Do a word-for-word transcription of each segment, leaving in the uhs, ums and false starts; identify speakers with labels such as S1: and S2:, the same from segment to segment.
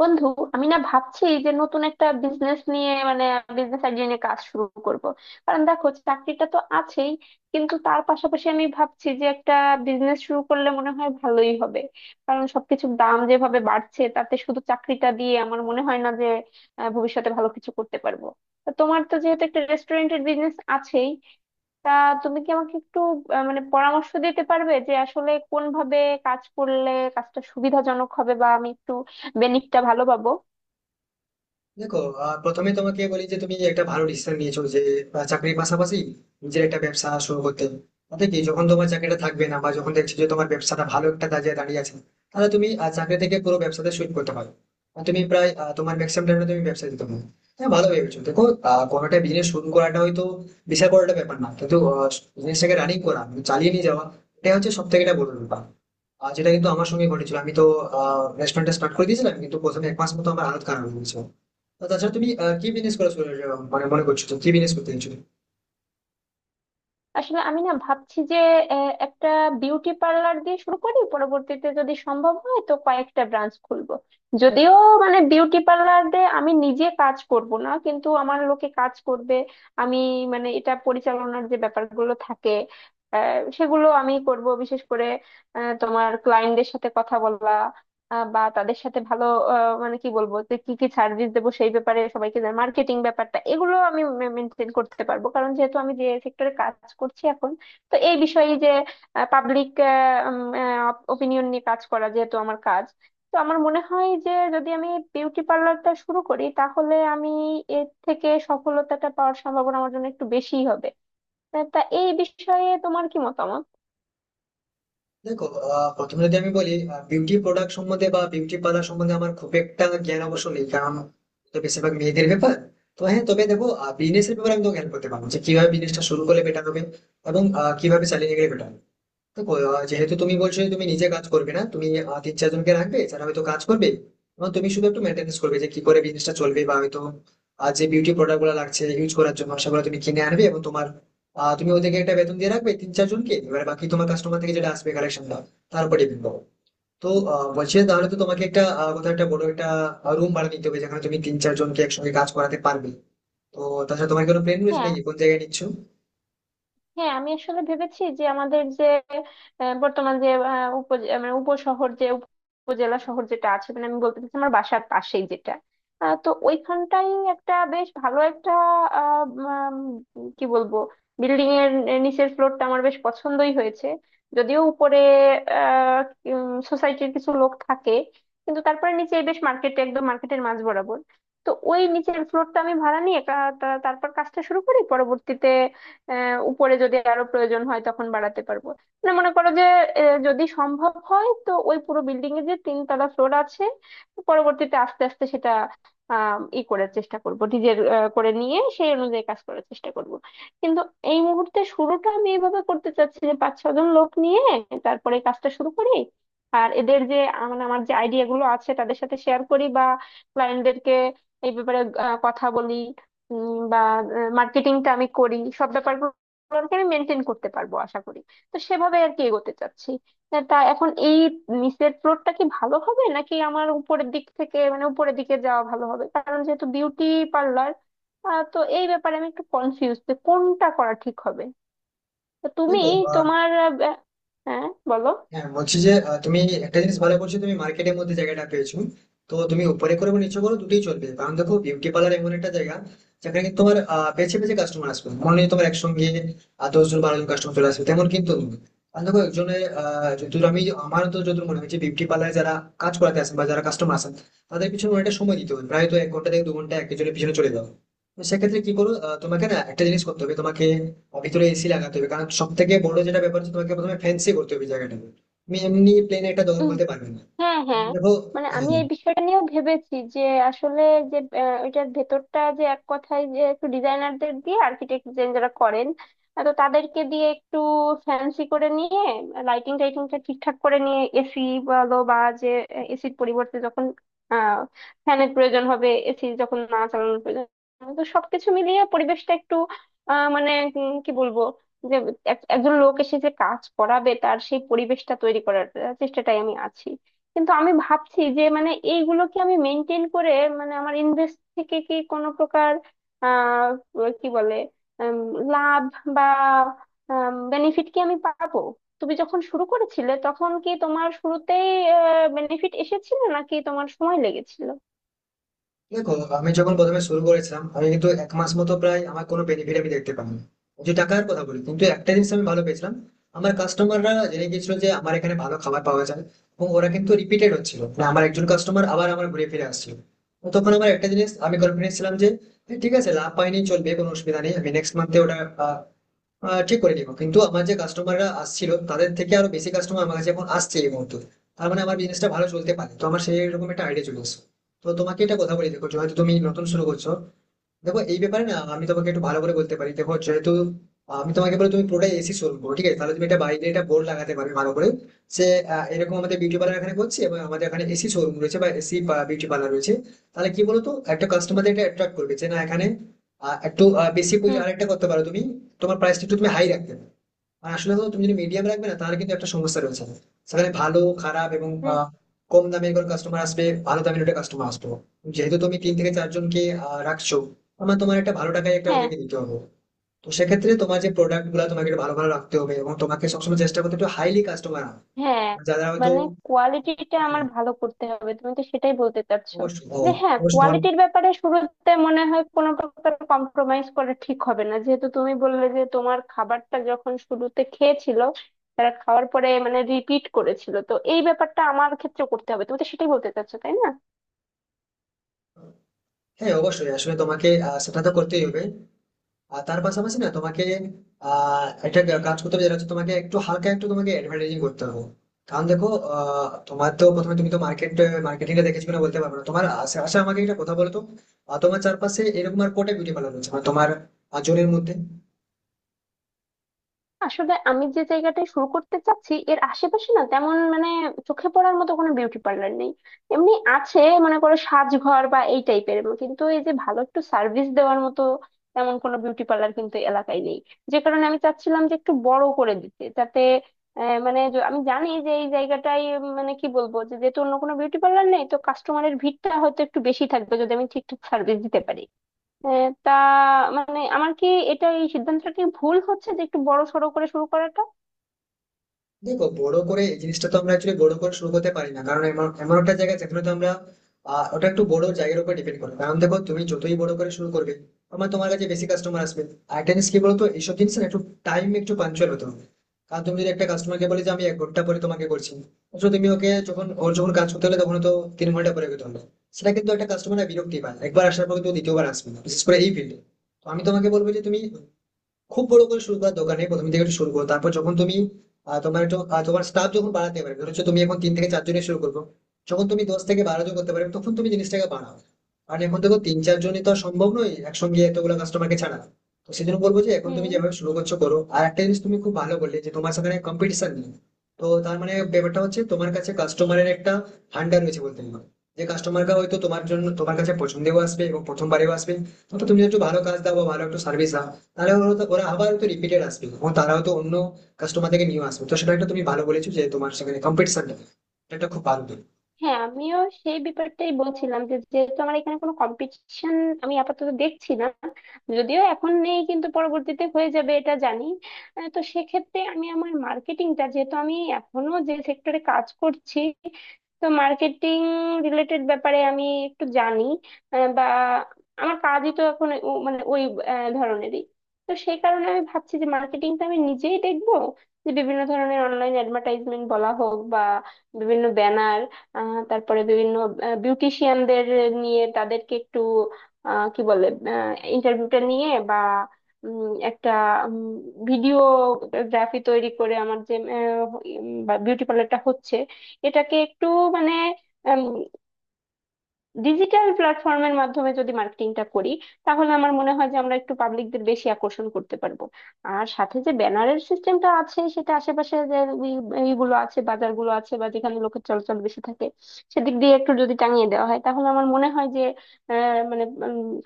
S1: বন্ধু, আমি না ভাবছি যে নতুন একটা বিজনেস নিয়ে মানে বিজনেস আইডিয়া নিয়ে কাজ শুরু করব। কারণ দেখো, চাকরিটা তো আছেই, কিন্তু তার পাশাপাশি আমি ভাবছি যে একটা বিজনেস শুরু করলে মনে হয় ভালোই হবে। কারণ সবকিছুর দাম যেভাবে বাড়ছে তাতে শুধু চাকরিটা দিয়ে আমার মনে হয় না যে আহ, ভবিষ্যতে ভালো কিছু করতে পারবো। তা তোমার তো যেহেতু একটা রেস্টুরেন্টের বিজনেস আছেই, তা তুমি কি আমাকে একটু আহ, মানে পরামর্শ দিতে পারবে যে আসলে কোন ভাবে কাজ করলে কাজটা সুবিধাজনক হবে বা আমি একটু বেনিফিটটা ভালো পাবো?
S2: দেখো, আহ, প্রথমে তোমাকে বলি যে তুমি একটা ভালো ডিসিশন নিয়েছো, যে আহ, চাকরির পাশাপাশি নিজের একটা ব্যবসা শুরু করতে। তাতে কি, যখন তোমার চাকরিটা থাকবে না বা যখন দেখছো যে তোমার ব্যবসাটা ভালো একটা দাঁড়িয়ে দাঁড়িয়ে আছে, তাহলে তুমি আহ, চাকরি থেকে পুরো ব্যবসাতে সুইচ করতে পারো। আর তুমি প্রায় আহ, তোমার ম্যাক্সিমাম টাইমে তুমি ব্যবসা দিতে পারো। হ্যাঁ, ভালো ভেবেছো। দেখো, আহ, কোনো একটা বিজনেস শুরু করাটা হয়তো বিশাল বড় একটা ব্যাপার না, কিন্তু বিজনেসটাকে রানিং করা মানে চালিয়ে নিয়ে যাওয়া, এটা হচ্ছে সব থেকে একটা বড় ব্যাপার। আর যেটা কিন্তু আমার সঙ্গে ঘটেছিল, আমি তো রেস্টুরেন্টটা স্টার্ট করে দিয়েছিলাম, কিন্তু প্রথমে এক মাস মতো আমার হালত খারাপ হয়েছিল। তো তাছাড়া তুমি আহ, কি বিজনেস করা শুরু আহ, মানে মনে করছো, তুমি কি বিজনেস করতে চাইছো?
S1: আসলে আমি না ভাবছি যে আহ, একটা বিউটি পার্লার দিয়ে শুরু করি, পরবর্তীতে যদি সম্ভব হয় তো কয়েকটা ব্রাঞ্চ খুলবো। যদিও মানে বিউটি পার্লারে আমি নিজে কাজ করব না, কিন্তু আমার লোকে কাজ করবে। আমি মানে এটা পরিচালনার যে ব্যাপারগুলো থাকে আহ, সেগুলো আমি করব, বিশেষ করে আহ, তোমার ক্লায়েন্টদের সাথে কথা বলা, আহ, বা তাদের সাথে ভালো আহ, মানে কি বলবো যে কি কি সার্ভিস দেবো সেই ব্যাপারে সবাইকে জানাই, মার্কেটিং ব্যাপারটা, এগুলো আমি মেনটেন করতে পারবো, কারণ যেহেতু আমি যে সেক্টরে কাজ করছি এখন, তো এই বিষয়ে যে পাবলিক ওপিনিয়ন নিয়ে কাজ করা যেহেতু আমার কাজ, তো আমার মনে হয় যে যদি আমি বিউটি পার্লারটা শুরু করি তাহলে আমি এর থেকে সফলতাটা পাওয়ার সম্ভাবনা আমার জন্য একটু বেশি হবে। তা তা এই বিষয়ে তোমার কি মতামত?
S2: দেখো, আহ, প্রথমে যদি আমি বলি, বিউটি প্রোডাক্ট সম্বন্ধে বা বিউটি পার্লার সম্বন্ধে আমার খুব একটা জ্ঞান অবশ্য নেই, কারণ তো বেশিরভাগ মেয়েদের ব্যাপার। তো হ্যাঁ, তবে দেখো, বিজনেস এর ব্যাপারে আমি তোমাকে হেল্প করতে পারবো, যে কিভাবে বিজনেসটা শুরু করলে বেটার হবে এবং আহ, কিভাবে চালিয়ে গেলে বেটার। দেখো, আহ, যেহেতু তুমি বলছো যে তুমি নিজে কাজ করবে না, তুমি আহ, তিন চারজনকে রাখবে যারা হয়তো কাজ করবে, এবং তুমি শুধু একটু মেনটেনেন্স করবে যে কি করে বিজনেসটা চলবে, বা হয়তো আহ, যে বিউটি প্রোডাক্ট গুলো লাগছে ইউজ করার জন্য, সেগুলো তুমি কিনে আনবে, এবং তোমার আহ, তুমি ওদেরকে একটা বেতন দিয়ে রাখবে, তিন চারজনকে। এবার বাকি তোমার কাস্টমার থেকে যেটা আসবে কালেকশনটা, তার উপরে ডিপেন্ড করো। তো আহ, বলছি যে, তাহলে তো তোমাকে একটা আহ, কোথাও একটা বড় একটা রুম ভাড়া নিতে হবে, যেখানে তুমি তিন চারজনকে একসঙ্গে কাজ করাতে পারবে। তো তাছাড়া তোমার কোনো প্ল্যান রয়েছে
S1: হ্যাঁ,
S2: নাকি, কোন জায়গায় নিচ্ছ?
S1: হ্যাঁ, আমি আসলে ভেবেছি যে আমাদের যে আহ, বর্তমান যে আহ, উপজে- মানে উপশহর যে উপজেলা শহর যেটা আছে, মানে আমি বলতে চাচ্ছি আমার বাসার পাশেই যেটা, আহ, তো ওইখানটাই একটা বেশ ভালো একটা আহ, উম, কি বলবো, বিল্ডিং এর নিচের ফ্লোরটা আমার বেশ পছন্দই হয়েছে। যদিও উপরে সোসাইটির কিছু লোক থাকে, কিন্তু তারপরে নিচে বেশ মার্কেট, একদম মার্কেটের মাঝ বরাবর। তো ওই নিচের ফ্লোরটা আমি ভাড়া নিয়ে কা- তা- তারপর কাজটা শুরু করি, পরবর্তীতে আহ উপরে যদি আরো প্রয়োজন হয় তখন বাড়াতে পারবো। মানে মনে করো যে আহ, যদি সম্ভব হয় তো ওই পুরো বিল্ডিং এ যে তিনতলা ফ্লোর আছে, পরবর্তীতে আস্তে আস্তে সেটা আহ ই করার চেষ্টা করব, ডিজাইন করে নিয়ে সেই অনুযায়ী কাজ করার চেষ্টা করব। কিন্তু এই মুহূর্তে শুরুটা আমি এইভাবে করতে চাচ্ছি যে পাঁচ ছজন লোক নিয়ে তারপরে কাজটা শুরু করি। আর এদের যে আ- মানে আমার যে আইডিয়া গুলো আছে তাদের সাথে শেয়ার করি, বা ক্লায়েন্টদেরকে এই ব্যাপারে আহ, কথা বলি, উম, বা মার্কেটিংটা আমি করি, সব ব্যাপারগুলোকে আমি মেনটেন করতে পারবো আশা করি। তো সেভাবে আর কি এগোতে চাচ্ছি। আহ, তা এখন এই নিচের ফ্লোরটা কি ভালো হবে, নাকি আমার উপরের দিক থেকে মানে উপরের দিকে যাওয়া ভালো হবে? কারণ যেহেতু বিউটি পার্লার, তো এই ব্যাপারে আমি একটু কনফিউজ যে কোনটা করা ঠিক হবে। তো তুমি
S2: দেখো,
S1: তোমার আহ, ব্য- হ্যাঁ, বলো।
S2: হ্যাঁ বলছি যে আহ, তুমি একটা জিনিস ভালো করছো, তুমি মার্কেটের মধ্যে জায়গাটা পেয়েছো। তো তুমি উপরে করে নিচে করো, দুটোই চলবে, কারণ দেখো বিউটি পার্লার এমন একটা জায়গা যেখানে কিন্তু তোমার আহ, বেছে বেছে কাস্টমার আসবে, মনে নেই তোমার একসঙ্গে আহ, দশ জন বারো জন কাস্টমার চলে আসবে তেমন কিন্তু নয়। কারণ দেখো একজনের আহ যতদূর আমি আমার তো যতদূর মনে হচ্ছে, বিউটি পার্লারে যারা কাজ করাতে আসেন বা যারা কাস্টমার আসেন, তাদের পিছনে অনেকটা সময় দিতে হবে, প্রায় তো এক ঘন্টা থেকে দু ঘন্টা একজনের পিছনে চলে যাও। তো সেক্ষেত্রে কি করো, আহ, তোমাকে না একটা জিনিস করতে হবে, তোমাকে ভিতরে এসি লাগাতে হবে, কারণ সব থেকে বড় যেটা ব্যাপার হচ্ছে, তোমাকে প্রথমে ফ্যান্সি করতে হবে জায়গাটা। তুমি এমনি প্লেন একটা দৌড় বলতে পারবে না,
S1: হ্যাঁ,
S2: কারণ
S1: হ্যাঁ,
S2: দেখো।
S1: মানে
S2: হ্যাঁ
S1: আমি এই বিষয়টা নিয়েও ভেবেছি যে আসলে যে আহ, ওইটার ভেতরটা যে এক কথায় যে একটু ডিজাইনারদের দিয়ে, আর্কিটেক্ট যারা করেন আহ, তো তাদেরকে দিয়ে একটু ফ্যান্সি করে নিয়ে, লাইটিং টাইটিংটা ঠিকঠাক করে নিয়ে, এসি বলো, বা যে এসির পরিবর্তে যখন আহ ফ্যানের প্রয়োজন হবে, এসি যখন না চালানোর প্রয়োজন হবে, তো সবকিছু মিলিয়ে পরিবেশটা একটু আহ মানে উম, কি বলবো, যে এক- একজন লোক এসে যে কাজ করাবে তার সেই পরিবেশটা তৈরি করার আহ, চেষ্টাটাই আমি আছি। কিন্তু আমি ভাবছি যে মানে এইগুলো কি আমি মেনটেন করে, মানে আমার ইনভেস্ট থেকে কি কোনো প্রকার আহ কি বলে উম, লাভ বা বেনিফিট কি আমি পাবো? তুমি যখন শুরু করেছিলে তখন কি তোমার শুরুতেই বেনিফিট এসেছিল নাকি তোমার সময় লেগেছিল?
S2: দেখো, আমি যখন প্রথমে শুরু করেছিলাম, আমি কিন্তু এক মাস মতো প্রায় আমার কোনো বেনিফিট আমি দেখতে পাইনি, যে টাকার কথা বলি। কিন্তু একটা জিনিস আমি ভালো পেয়েছিলাম, আমার কাস্টমাররা জেনে গেছিল যে আমার এখানে ভালো খাবার পাওয়া যায়, এবং ওরা কিন্তু রিপিটেড হচ্ছিল না, আমার একজন কাস্টমার আবার আমার ঘুরে ফিরে আসছিল। তো তখন আমার একটা জিনিস, আমি কনফিডেন্স ছিলাম যে, "এ, ঠিক আছে, লাভ পাইনি চলবে, কোনো অসুবিধা নেই, আমি নেক্সট মান্থে ওটা আহ, আহ, ঠিক করে নিব, কিন্তু আমার যে কাস্টমাররা আসছিল, তাদের থেকে আরো বেশি কাস্টমার আমার কাছে এখন আসছে এই মুহূর্তে। তার মানে আমার বিজনেসটা ভালো চলতে পারে, তো আমার সেই রকম একটা আইডিয়া চলে এসেছে। তো তোমাকে এটা কথা বলে দেখো, যেহেতু তুমি নতুন শুরু করছো, দেখো এই ব্যাপারে না আমি তোমাকে একটু ভালো করে বলতে পারি। দেখো, যেহেতু আমি তোমাকে বলে, তুমি পুরোটাই এসি শোরুম করো, ঠিক আছে, তাহলে তুমি এটা বাইরে এটা বোর্ড লাগাতে পারবে ভালো করে, সে আহ, এরকম আমাদের বিউটি পার্লার এখানে করছে, এবং আমাদের এখানে এসি শোরুম রয়েছে বা এসি বিউটি পার্লার রয়েছে। তাহলে কি বলতো, একটা কাস্টমারদের এটা অ্যাট্রাক্ট করবে যে, না এখানে আহ, একটু আহ, বেশি পয়সা
S1: হুম।
S2: আরেকটা করতে পারো তুমি। তোমার প্রাইসটা একটু তুমি হাই রাখতে পারো। আর আসলে তো তুমি যদি মিডিয়াম রাখবে না, তাহলে কিন্তু একটা সমস্যা রয়েছে, সেখানে ভালো খারাপ এবং
S1: হুম।
S2: আহ, কম দামের কোনো কাস্টমার আসবে, ভালো দামের একটা কাস্টমার আসবে। যেহেতু তুমি তিন থেকে চারজনকে আহ, রাখছো, আমার তোমার একটা ভালো টাকায় একটা
S1: হ্যাঁ,
S2: ওদেরকে দিতে হবে। তো সেক্ষেত্রে তোমার যে প্রোডাক্ট গুলো তোমাকে একটু ভালো ভালো রাখতে হবে, এবং তোমাকে সবসময় চেষ্টা করতে হবে একটু হাইলি কাস্টমার আনা,
S1: হ্যাঁ,
S2: মানে যারা হয়তো...
S1: মানে কোয়ালিটিটা আমার
S2: হুম,
S1: ভালো করতে হবে, তুমি তো সেটাই বলতে চাচ্ছো?
S2: অবশ্যই। ও,
S1: যে হ্যাঁ,
S2: অবশ্যই তোমার—
S1: কোয়ালিটির ব্যাপারে শুরুতে মনে হয় কোনো প্রকার কম্প্রোমাইজ করা ঠিক হবে না, যেহেতু তুমি বললে যে তোমার খাবারটা যখন শুরুতে খেয়েছিল তারা, খাওয়ার পরে মানে রিপিট করেছিল, তো এই ব্যাপারটা আমার ক্ষেত্রে করতে হবে, তুমি তো সেটাই বলতে চাচ্ছো তাই না?
S2: হ্যাঁ অবশ্যই, আসলে তোমাকে আহ, সেটা তো করতেই হবে। আর তার পাশাপাশি না তোমাকে আহ একটা কাজ করতে হবে, যেটা হচ্ছে তোমাকে একটু হালকা একটু তোমাকে অ্যাডভার্টাইজিং করতে হবে। কারণ দেখো, আহ, তোমার তো প্রথমে, তুমি তো মার্কেট মার্কেটিংটা দেখেছো কিনা বলতে পারবো না, তোমার আশেপাশে আমাকে একটা কথা বলো তো। আহ, তোমার চারপাশে এরকম আর কটা বিউটি পার্লার রয়েছে, মানে তোমার আহ, জনের মধ্যে?
S1: আসলে আমি যে জায়গাটায় শুরু করতে চাচ্ছি এর আশেপাশে না তেমন মানে চোখে পড়ার মতো কোনো বিউটি পার্লার নেই। এমনি আছে, মনে করো সাজঘর বা এই টাইপের, কিন্তু এই যে ভালো একটু সার্ভিস দেওয়ার মতো তেমন কোনো বিউটি পার্লার কিন্তু এলাকায় নেই। যে কারণে আমি চাচ্ছিলাম যে একটু বড় করে দিতে, যাতে আহ, মানে য- আমি জানি যে এই জায়গাটাই, উম, মানে কি বলবো, যে যেহেতু অন্য কোনো বিউটি পার্লার নেই তো কাস্টমারের ভিড়টা হয়তো একটু বেশি থাকবে যদি আমি ঠিকঠাক সার্ভিস দিতে পারি। আহ, তা মানে আমার কি, এটা এই সিদ্ধান্তটা কি ভুল হচ্ছে যে একটু বড় সড়ো করে শুরু করাটা?
S2: দেখো, বড় করে এই জিনিসটা তো আমরা অ্যাকচুয়ালি বড় করে শুরু করতে পারি না, কারণ এমন এমন একটা জায়গা যেখানে তো আমরা আহ, ওটা একটু বড় জায়গার উপর ডিপেন্ড করবে, কারণ দেখো তুমি যতই বড় করে শুরু করবে, আমার তোমার কাছে বেশি কাস্টমার আসবে। আর একটা জিনিস কি বলতো, এইসব জিনিস না একটু টাইম, একটু পাঞ্চুয়াল হতে হবে। কারণ তুমি যদি একটা কাস্টমারকে বলে যে আমি এক ঘন্টা পরে তোমাকে করছি, অথচ তুমি ওকে যখন, ওর যখন কাজ করতে হলে তখন তো তিন ঘন্টা পরে করতে হবে, সেটা কিন্তু একটা কাস্টমার বিরক্তি পায়। একবার আসার পর কিন্তু দ্বিতীয়বার আসবে না, বিশেষ করে এই ফিল্ডে। তো আমি তোমাকে বলবো যে তুমি খুব বড় করে শুরু করার দরকার নেই, প্রথম থেকে একটু শুরু করো। তারপর যখন তুমি আহ, তোমার একটু আহ, তোমার স্টাফ যখন বাড়াতে পারবে, ধরো হচ্ছে তুমি এখন তিন থেকে চার জনে শুরু করবো, যখন তুমি দশ থেকে বারো জন করতে পারবে, তখন তুমি জিনিসটাকে বাড়াও। কারণ এখন দেখো তিন চার জনই তো আর সম্ভব নয় একসঙ্গে এতগুলো কাস্টমারকে ছাড়া। তো সেজন্য বলবো যে, এখন তুমি
S1: হুম।
S2: যেভাবে শুরু করছো করো। আর একটা জিনিস তুমি খুব ভালো বললে যে তোমার সাথে কম্পিটিশন নেই। তো তার মানে ব্যাপারটা হচ্ছে তোমার কাছে কাস্টমারের একটা ভান্ডার রয়েছে বলতে পারো। যে কাস্টমাররা হয়তো তোমার জন্য তোমার কাছে পছন্দেও আসবে এবং প্রথমবারেও আসবে। তো তুমি একটু ভালো কাজ দাও বা ভালো একটু সার্ভিস দাও, তাহলে ওরা তো- ওরা আবার তো রিপিটেড আসবে এবং তারাও তো অন্য কাস্টমার থেকে নিয়ে আসবে। তো সেটা একটা তুমি ভালো বলেছো যে তোমার সেখানে কম্পিটিশনটা, এটা একটা খুব ভালো দিক।
S1: হ্যাঁ, আমিও সেই ব্যাপারটাই বলছিলাম যে যেহেতু আমার এখানে কোনো কম্পিটিশন আমি আপাতত দেখছি না। যদিও এখন নেই কিন্তু পরবর্তীতে হয়ে যাবে, এটা জানি। আহ, তো সেক্ষেত্রে আমি আমার মার্কেটিংটা, যেহেতু আমি এখনো যে সেক্টরে কাজ করছি, তো মার্কেটিং রিলেটেড ব্যাপারে আমি একটু জানি, আহ, বা আমার কাজই তো এখন ও- মানে ওই আহ, ধরনেরই। তো সেই কারণে আমি ভাবছি যে মার্কেটিংটা আমি নিজেই দেখবো, যে বিভিন্ন ধরনের অনলাইন অ্যাডভার্টাইজমেন্ট বলা হোক, বা বিভিন্ন ব্যানার, আহ তারপরে বিভিন্ন বিউটিশিয়ানদের নিয়ে, তাদেরকে একটু আহ, কি বলে, ইন্টারভিউটা নিয়ে, বা উম, একটা ভিডিওগ্রাফি তৈরি করে আমার যে বিউটি পার্লারটা হচ্ছে এটাকে একটু মানে ডিজিটাল প্ল্যাটফর্মের মাধ্যমে যদি মার্কেটিংটা করি, তাহলে আমার মনে হয় যে আমরা একটু পাবলিকদের বেশি আকর্ষণ করতে পারবো। আর সাথে যে ব্যানারের সিস্টেমটা আছে সেটা আশেপাশে যে ই- ইগুলো আছে, বাজারগুলো আছে, বা যেখানে লোকের চলাচল বেশি থাকে, সেদিক দিয়ে একটু যদি টাঙিয়ে দেওয়া হয় তাহলে আমার মনে হয় যে আহ মানে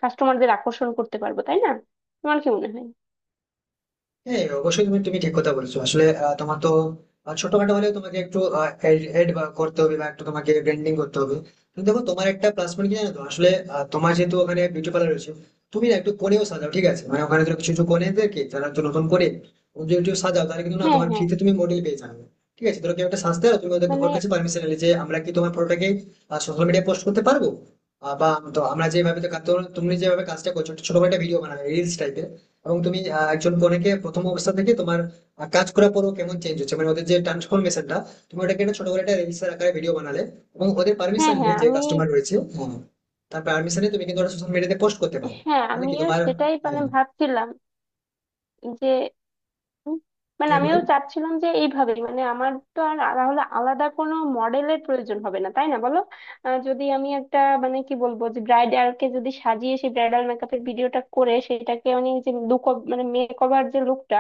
S1: কাস্টমারদের আকর্ষণ করতে পারবো, তাই না? তোমার কি মনে হয়?
S2: হ্যাঁ অবশ্যই, তুমি তুমি ঠিক কথা বলেছো। আসলে আহ, তোমার তো আহ, ছোটখাটো হলেও তোমাকে একটু এড করতে হবে, বা একটু তোমাকে ব্র্যান্ডিং করতে হবে। কিন্তু দেখো তোমার একটা প্লাস পয়েন্ট কি জানো তো, আসলে আহ, তোমার যেহেতু ওখানে বিউটি পার্লার রয়েছে, তুমি না একটু কোণেও সাজাও, ঠিক আছে, মানে ওখানে ধরো কিছু কিছু কোণেদেরকে যারা একটু নতুন করে তুমি যদি একটু সাজাও, তাহলে কিন্তু না
S1: হ্যাঁ,
S2: তোমার
S1: হ্যাঁ,
S2: ফ্রিতে তুমি মডেল পেয়ে যাবে। ঠিক আছে, ধরো কেউ একটা সাজতে হবে, তুমি ওদের-
S1: মানে
S2: ওর কাছে পারমিশন নিলে যে, আমরা কি তোমার ফটোটাকে সোশ্যাল মিডিয়ায় পোস্ট করতে পারবো? আহ, বা তো আমরা যেভাবে তো কা- তো তুমি যেভাবে কাজটা করছো, ছোট একটা ভিডিও বানাবে, রিলস টাইপের, এবং তুমি আহ, একজন কনেকে প্রথম অবস্থা থেকে তোমার আহ, কাজ করার পরও কেমন চেঞ্জ হচ্ছে, মানে ওদের যে ট্রান্সফরমেশনটা, তুমি ওটাকে একটা ছোট করে একটা রিলসের আকারে ভিডিও বানালে, এবং ওদের
S1: হ্যাঁ,
S2: পারমিশন নিয়ে,
S1: হ্যাঁ,
S2: যে
S1: আমি,
S2: কাস্টমার রয়েছে, হ্যাঁ, তার পারমিশনে তুমি কিন্তু ওটা সোশ্যাল মিডিয়াতে পোস্ট করতে পারো।
S1: হ্যাঁ,
S2: তাহলে কি
S1: আমিও
S2: তোমার...
S1: সেটাই মানে
S2: হ্যাঁ
S1: ভাবছিলাম যে, হুম। মানে
S2: হ্যাঁ
S1: আমিও
S2: বলুন।
S1: চাচ্ছিলাম যে এইভাবে, মানে আমার তো আর তাহলে আলাদা কোনো মডেলের প্রয়োজন হবে না তাই না, বলো? আহ, যদি আমি একটা মানে কি বলবো, যে ব্রাইডালকে যদি সাজিয়ে সেই ব্রাইডাল মেকআপের ভিডিওটা করে সেটাকে, মানে যে লুক, মানে মেক ওভার যে লুকটা,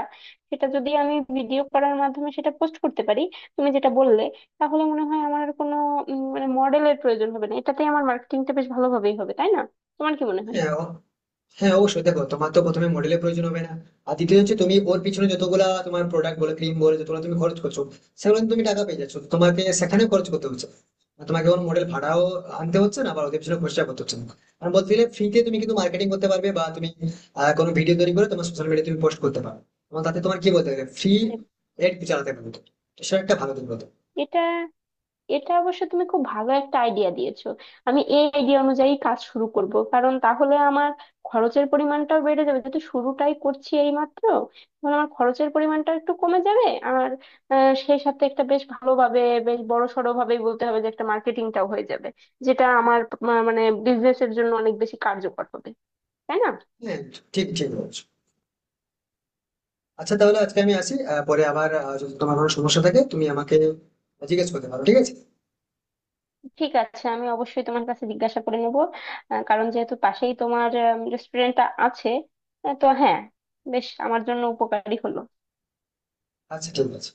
S1: সেটা যদি আমি ভিডিও করার মাধ্যমে সেটা পোস্ট করতে পারি তুমি যেটা বললে, তাহলে মনে হয় আমার আর কোনো উম, মানে মডেলের প্রয়োজন হবে না, এটাতেই আমার মার্কেটিংটা বেশ ভালোভাবেই হবে তাই না? তোমার কি মনে হয়?
S2: হ্যাঁ, হ্যাঁ অবশ্যই, দেখো তোমার তো প্রথমে মডেলের প্রয়োজন হবে না। আর দ্বিতীয় হচ্ছে, তুমি ওর পিছনে যতগুলা তোমার প্রোডাক্ট বলো, ক্রিম বলো, যতগুলো তুমি খরচ করছো, সেগুলো কিন্তু তুমি টাকা পেয়ে যাচ্ছ, তোমাকে সেখানে খরচ করতে হচ্ছে না। আর তোমাকে ওর মডেল ভাড়াও আনতে হচ্ছে না, বা ওদের পিছনে খরচা করতে হচ্ছে না। আর বলতে গেলে ফ্রিতে তুমি কিন্তু মার্কেটিং করতে পারবে, বা তুমি আহ, কোনো ভিডিও তৈরি করে তোমার সোশ্যাল মিডিয়া তুমি পোস্ট করতে পারো, এবং তাতে তোমার, কি বলতে গেলে, ফ্রি
S1: মানে
S2: এড চালাতে পারবে তুমি। তো সেটা একটা ভালো দিক বলতে পারো।
S1: এটা এটা অবশ্য তুমি খুব ভালো একটা আইডিয়া দিয়েছো। আমি এই আইডিয়া অনুযায়ী কাজ শুরু করব, কারণ তাহলে আমার খরচের পরিমাণটাও বেড়ে যাবে, যেহেতু শুরুটাই করছি এই মাত্র, তাহলে আমার খরচের পরিমাণটা একটু কমে যাবে। আর আহ, সেই সাথে একটা বেশ ভালোভাবে, বেশ বড় সড়ো ভাবেই বলতে হবে যে, একটা মার্কেটিংটাও হয়ে যাবে, যেটা আমার মা- মানে বিজনেসের জন্য অনেক বেশি কার্যকর হবে, তাই না?
S2: হ্যাঁ, ঠিক ঠিক বলছো। আচ্ছা তাহলে আজকে আমি আসি, আহ, পরে আবার আহ, যদি তোমার কোনো সমস্যা থাকে তুমি আমাকে জিজ্ঞেস করতে পারো, ঠিক আছে?
S1: ঠিক আছে, আমি অবশ্যই তোমার কাছে জিজ্ঞাসা করে নেব। আহ, কারণ যেহেতু পাশেই তোমার রেস্টুরেন্টটা আছে, আহ, তো হ্যাঁ, বেশ আমার জন্য উপকারী হলো।
S2: আচ্ছা ঠিক আছে।